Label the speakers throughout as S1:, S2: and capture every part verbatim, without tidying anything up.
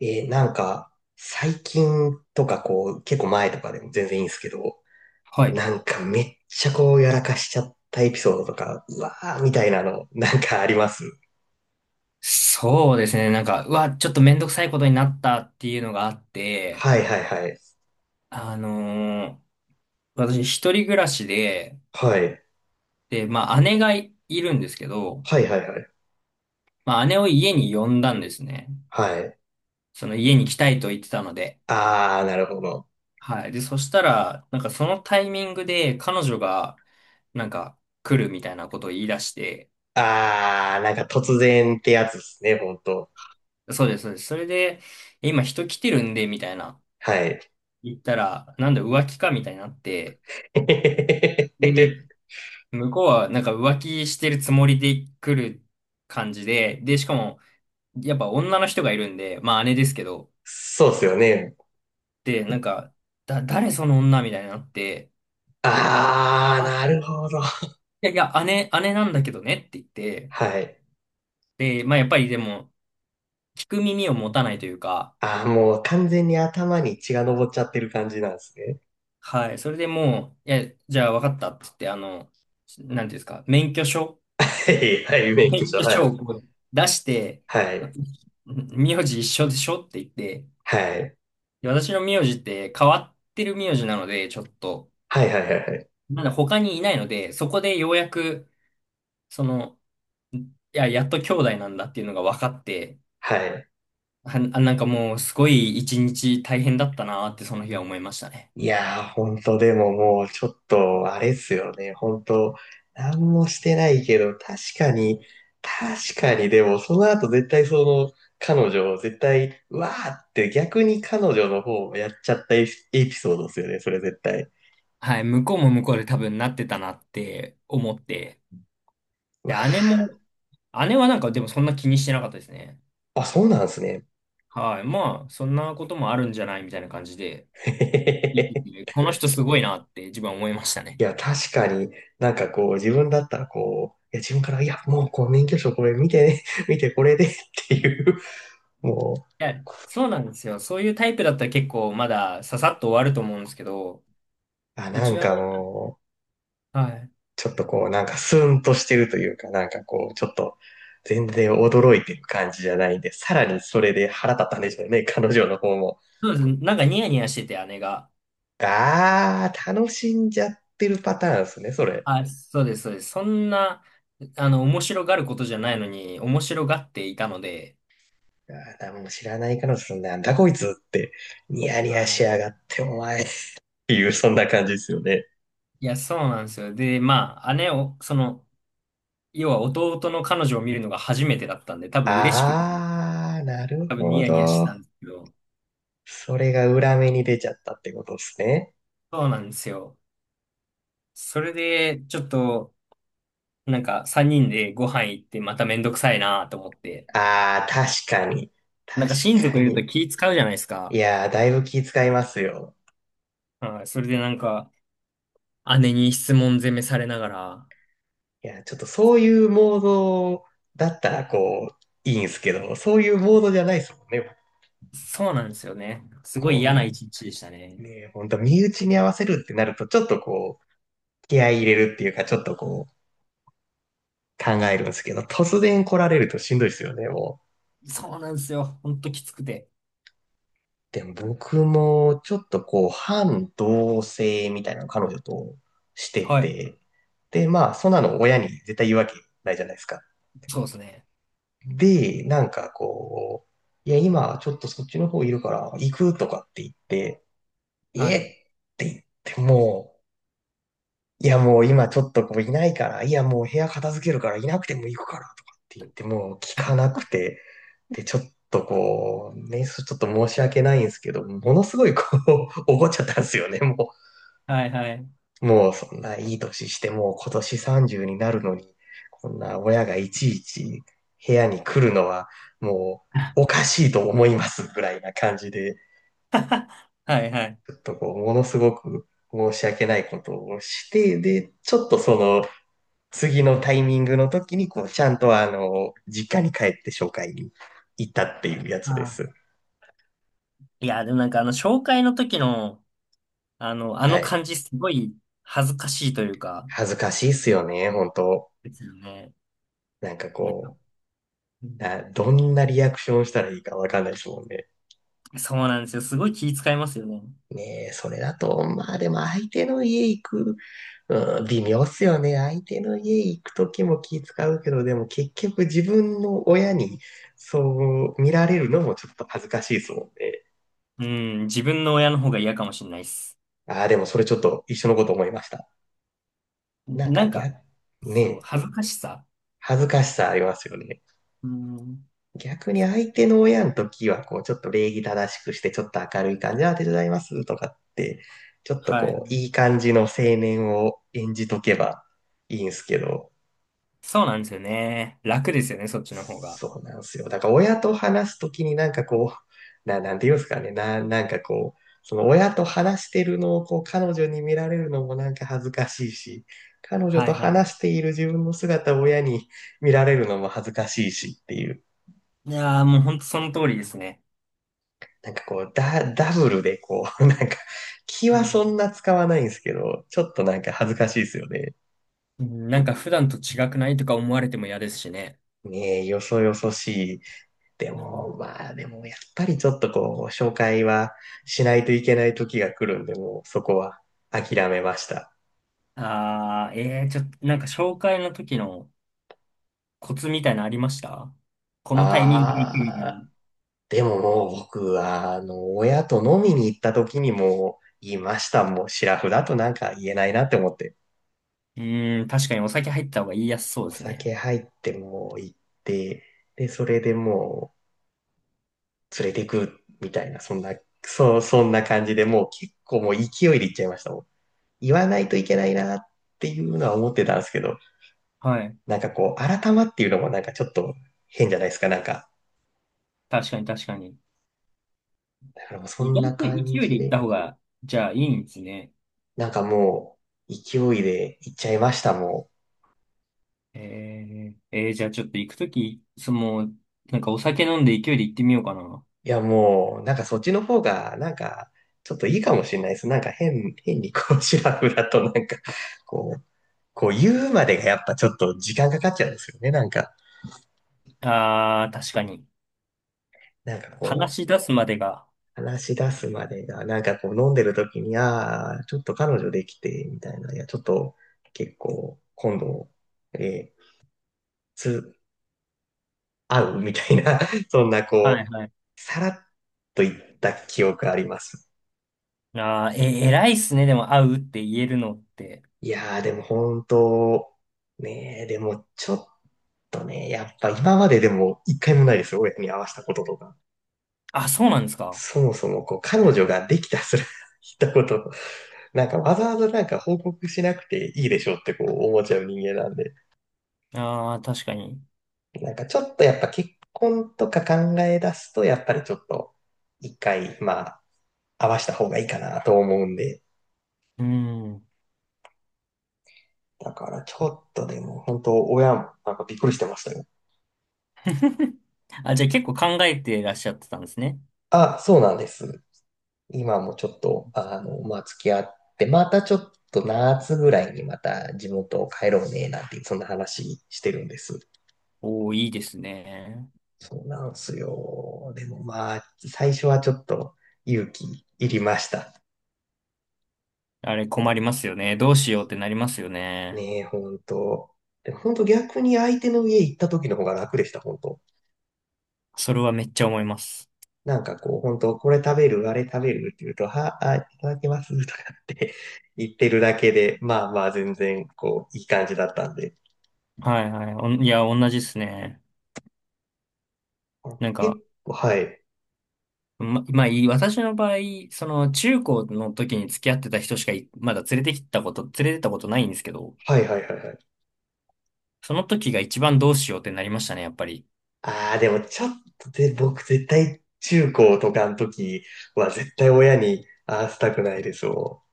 S1: えーなんか、最近とかこう、結構前とかでも全然いいんですけど、
S2: はい。
S1: なんかめっちゃこう、やらかしちゃったエピソードとか、うわーみたいなの、なんかあります？
S2: そうですね。なんか、うわ、ちょっとめんどくさいことになったっていうのがあって、
S1: はいはいはい。
S2: あのー私一人暮らしで、
S1: はい。
S2: で、まあ姉がいるんですけど、
S1: はいはいはい。
S2: まあ姉を家に呼んだんですね。
S1: はい。
S2: その家に来たいと言ってたので。
S1: あー、なるほど。
S2: はい。で、そしたら、なんかそのタイミングで彼女が、なんか来るみたいなことを言い出して、
S1: あー、なんか突然ってやつですね、ほんと。
S2: そうです、そうです。それで、今人来てるんで、みたいな。
S1: はい。
S2: 言ったら、なんだ浮気かみたいになって、で 向こうはなんか浮気してるつもりで来る感じで、で、しかも、やっぱ女の人がいるんで、まあ姉ですけど、
S1: そうっすよね。
S2: で、なんか、だ、誰その女みたいになって、
S1: あー、
S2: あ、
S1: なるほど。
S2: いやいや、姉、姉なんだけどねって言って、
S1: はい。
S2: で、まあやっぱりでも、聞く耳を持たないというか、
S1: あー、もう完全に頭に血が上っちゃってる感じなんですね。
S2: はい、それでもう、いや、じゃあ分かったって言って、あの、なんていうんですか、免許証
S1: はい、はい、免許
S2: 免
S1: 証、
S2: 許
S1: は
S2: 証
S1: い。
S2: をこう出して、
S1: はい。
S2: 名字一緒でしょって言って、
S1: はい。
S2: で私の名字って変わってる名字なので、ちょっと、
S1: はいはいはいはい。
S2: まだ他にいないので、そこでようやく、その、いや、やっと兄弟なんだっていうのが分かって、
S1: はい。
S2: はあ、あなんかもうすごい一日大変だったなーってその日は思いましたね。
S1: いやー、ほんと、でももう、ちょっと、あれっすよね。ほんと、もしてないけど、確かに、確かに、でも、その後絶対その、彼女を絶対、うわーって逆に彼女の方をやっちゃったエピエピソードですよね、それ絶対。
S2: はい、向こうも向こうで多分なってたなって思って、
S1: ま
S2: で、姉
S1: あ、
S2: も、姉はなんかでもそんな気にしてなかったですね。
S1: あ、そうなんですね。
S2: はい、まあ、そんなこともあるんじゃないみたいな感じで、いい いいこの人すごいなって自分は思いました
S1: い
S2: ね。
S1: や、確かになんかこう、自分だったらこう、いや、自分から、いや、もうこう、免許証これ見てね、見てこれでっていう、も
S2: いや、そうなんですよ。そういうタイプだったら結構まだささっと終わると思うんですけど、
S1: う、あ、
S2: う
S1: な
S2: ち
S1: ん
S2: の
S1: か
S2: 姉、
S1: もう、
S2: はい。
S1: ちょっとこう、なんかスーンとしてるというか、なんかこう、ちょっと、全然驚いてる感じじゃないんで、さらにそれで腹立ったんでしょうね、彼女の方も。
S2: そうです。なんかニヤニヤしてて、姉が。
S1: あー、楽しんじゃってるパターンですね、それ。
S2: あ、そうです、そうです。そんな、あの、面白がることじゃないのに、面白がっていたので、
S1: あー、もう知らない彼女さん、なんだこいつって、ニヤニヤしや
S2: は
S1: がって、お前っていう、そんな感じですよね。
S2: い。いや、そうなんですよ。で、まあ、姉を、その、要は弟の彼女を見るのが初めてだったんで、多分嬉しくて、
S1: あー、なる
S2: 多分ニ
S1: ほ
S2: ヤニヤして
S1: ど。
S2: たんですけど、
S1: それが裏目に出ちゃったってことですね。
S2: そうなんですよ。それで、ちょっと、なんか、三人でご飯行って、まためんどくさいなと思って、
S1: あー、確かに。確
S2: なんか親
S1: か
S2: 族いると
S1: に。
S2: 気使うじゃないです
S1: い
S2: か。
S1: やー、だいぶ気遣いますよ。
S2: はい。それでなんか、姉に質問攻めされながら。
S1: いや、ちょっとそういうモードだったら、こう、いいんすけど、そういうモードじゃないですもんね。
S2: そうなんですよね。すご
S1: こ
S2: い
S1: う、
S2: 嫌な
S1: み
S2: 一日でしたね。
S1: ね、本当身内に合わせるってなると、ちょっとこう、気合い入れるっていうか、ちょっとこう、考えるんですけど、突然来られるとしんどいですよね、もう。
S2: そうなんですよ。ほんときつくて。
S1: でも僕もちょっとこう反同性みたいなの彼女として
S2: はい。
S1: て、で、まあそんなの親に絶対言うわけないじゃないですか。
S2: そうですね。
S1: で、なんかこう、いや今ちょっとそっちの方いるから行くとかって言って、
S2: は
S1: えっ
S2: い。
S1: て言ってもいや、もう今ちょっとこういないから、いや、もう部屋片付けるからいなくても行くからとかって言って、もう聞かなくて、で、ちょっとこう、ね、そちょっと申し訳ないんですけど、ものすごいこう、怒っちゃったんですよね、も
S2: はいはい。
S1: う。もうそんないい年して、もう今年さんじゅうになるのに、こんな親がいちいち部屋に来るのは、もうお かしいと思いますぐらいな感じで、
S2: はいはい。
S1: ちょっとこう、ものすごく申し訳ないことをして、で、ちょっとその、次のタイミングの時に、こう、ちゃんとあの、実家に帰って紹介に行ったっていうや
S2: あ
S1: つで
S2: あ。
S1: す。
S2: いや、でもなんかあの、紹介の時の、あの、あ
S1: は
S2: の
S1: い。
S2: 感じすごい恥ずかしいというか、
S1: 恥ずかしいっすよね、本当
S2: ですよね。
S1: なんか
S2: なんか、
S1: こ
S2: う
S1: う、
S2: ん
S1: な、どんなリアクションしたらいいかわかんないですもんね。
S2: そうなんですよ。すごい気遣いますよね。
S1: ねえ、それだと、まあでも相手の家行く、うん、微妙っすよね。相手の家行く時も気使うけど、でも結局自分の親にそう見られるのもちょっと恥ずかしいですもんね。
S2: うん、自分の親の方が嫌かもしれないです。
S1: ああ、でもそれちょっと一緒のこと思いました。なん
S2: な
S1: か
S2: んか、
S1: 逆、
S2: そう、
S1: ね、
S2: 恥ずかしさ。
S1: 恥ずかしさありますよね。
S2: うん。
S1: 逆に相手の親の時は、こう、ちょっと礼儀正しくして、ちょっと明るい感じ、ああ、手伝いますとかって、ちょっと
S2: は
S1: こう、
S2: い。
S1: いい感じの青年を演じとけばいいんすけど、
S2: そうなんですよね。楽ですよね、そっちの方が。
S1: そうなんですよ。だから親と話すときになんかこう、な、なんていうんですかね、な、なんかこう、その親と話してるのをこう彼女に見られるのもなんか恥ずかしいし、彼女
S2: は
S1: と
S2: いはい。
S1: 話している自分の姿を親に見られるのも恥ずかしいしっていう、
S2: いやー、もうほんとその通りですね。
S1: なんかこう、ダ、ダブルでこう、なんか気
S2: う
S1: は
S2: ん。
S1: そんな使わないんですけど、ちょっとなんか恥ずかしいですよね。
S2: うんなんか普段と違くないとか思われても嫌ですしね。
S1: ねえ、よそよそしいで
S2: うん。
S1: も、まあ、でも、やっぱりちょっとこう、紹介はしないといけない時が来るんで、もうそこは諦めました。
S2: あー、えー、ちょっと、なんか紹介の時のコツみたいなのありましたこのタイミングで行くみたいな。
S1: ああ、
S2: う
S1: でももう僕は、あの、親と飲みに行った時にもう言いました。もう、シラフだとなんか言えないなって思って。
S2: ーん、確かにお酒入った方が言いやすそう
S1: お
S2: ですね。
S1: 酒入ってもう行って、で、それでもう連れてくみたいな、そんな、そう、そんな感じでもう結構もう勢いで行っちゃいましたもん。言わないといけないなっていうのは思ってたんですけど、
S2: はい。
S1: なんかこう、改まっていうのもなんかちょっと変じゃないですか、なんか。
S2: 確かに確かに。
S1: だからもうそ
S2: 意
S1: ん
S2: 外
S1: な
S2: と勢
S1: 感
S2: いで
S1: じ
S2: 行っ
S1: で、
S2: た方が、じゃあいいんですね。
S1: なんかもう、勢いで行っちゃいました、も
S2: えー、えーじゃあちょっと行くとき、その、なんかお酒飲んで勢いで行ってみようかな。
S1: う。いや、もう、なんかそっちの方が、なんか、ちょっといいかもしれないです。なんか変、変にこう、シラフだとなんか、こう、こう言うまでがやっぱちょっと時間かかっちゃうんですよね、なんか。
S2: あー、確かに。
S1: なんか
S2: 話
S1: こ
S2: し出すまでが。
S1: う、話し出すまでが、なんかこう飲んでる時に、ああ、ちょっと彼女できて、みたいな、いや、ちょっと結構今度、えーつ、合う みたいな、そんな
S2: は
S1: こ
S2: いはい。
S1: う、さらっと言った記憶あります。
S2: あー、え、偉いっすね。でも会うって言えるのって。
S1: いやー、でも本当、ねえ、でもちょっとね、やっぱ今まででも一回もないですよ、親に会わせたこととか。
S2: あ、そうなんですか。
S1: そもそもこう、彼女ができたすら、言ったこと、なんかわざわざなんか報告しなくていいでしょうってこう思っちゃう人間なんで、
S2: あー、確かに。
S1: なんかちょっとやっぱ結婚とか考え出すと、やっぱりちょっと一回、まあ、合わせた方がいいかなと思うんで、
S2: うん。
S1: だからちょっとでも、本当親もなんかびっくりしてましたよ。
S2: あ、じゃあ結構考えてらっしゃってたんですね。
S1: あ、そうなんです。今もちょっと、あの、まあ、付き合って、またちょっと夏ぐらいにまた地元を帰ろうね、なんて、そんな話してるんです。
S2: おー、いいですね。
S1: そうなんですよ。でもまあ、最初はちょっと勇気いりました。
S2: あれ困りますよね。どうしようってなりますよね。
S1: ねえ、本当。でもほ逆に相手の家行った時の方が楽でした、本当。
S2: それはめっちゃ思います。
S1: なんかこう、本当これ食べる、あれ食べるって言うと、は、あ、いただきますとかって 言ってるだけで、まあまあ全然、こう、いい感じだったんで。
S2: はいはい。おんいや、同じですね。
S1: あ
S2: なんか、
S1: 結構、はい。
S2: ま、まあいい、私の場合、その中高の時に付き合ってた人しかいまだ連れてきたこと、連れてったことないんですけど、
S1: はいはいはいはい。
S2: その時が一番どうしようってなりましたね、やっぱり。
S1: ああ、でもちょっとで、僕絶対中高とかの時は絶対親に合わせたくないですも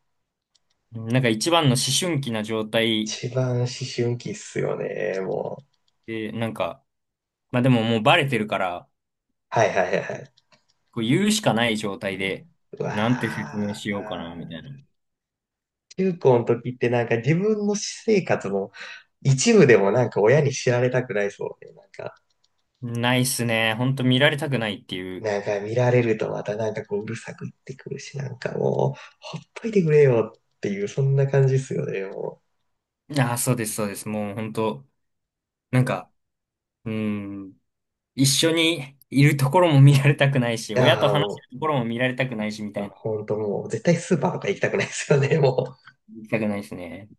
S2: なんか一番の思春期な状
S1: ん。
S2: 態
S1: 一番思春期っすよね、もう。
S2: で、なんか、まあでももうバレてるから、
S1: はいはいはいはい。
S2: こう言うしかない状態で、
S1: う
S2: なんて説明
S1: わ
S2: しようかな、み
S1: あ。
S2: たいな。
S1: 中高の時ってなんか自分の私生活も一部でもなんか親に知られたくないそうで、なんか、
S2: ないっすね。ほんと見られたくないっていう。
S1: なんか見られるとまたなんかこううるさく言ってくるし、なんかもう、ほっといてくれよっていう、そんな感じですよね、も
S2: ああ、そうです、そうです。もうほんと、なんか、うーん。一緒にいるところも見られたくないし、
S1: う。い
S2: 親と
S1: やー、
S2: 話して
S1: も
S2: るところも見られたくないし、み
S1: う、
S2: たいな。
S1: ほんともう、絶対スーパーとか行きたくないですよね、も
S2: 見たくないですね。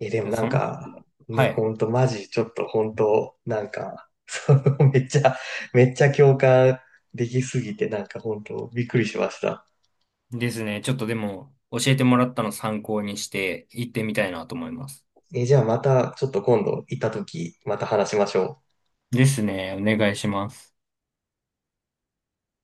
S1: う。え、でもなん
S2: その、
S1: か、
S2: は
S1: ね、ほ
S2: い。
S1: んとマジ、ちょっとほんと、なんか、その、めっちゃ、めっちゃ共感できすぎて、なんかほんと、びっくりしました。
S2: ですね。ちょっとでも、教えてもらったの参考にして、行ってみたいなと思います。
S1: え、じゃあまた、ちょっと今度行った時、また話しましょう。
S2: ですね。お願いします。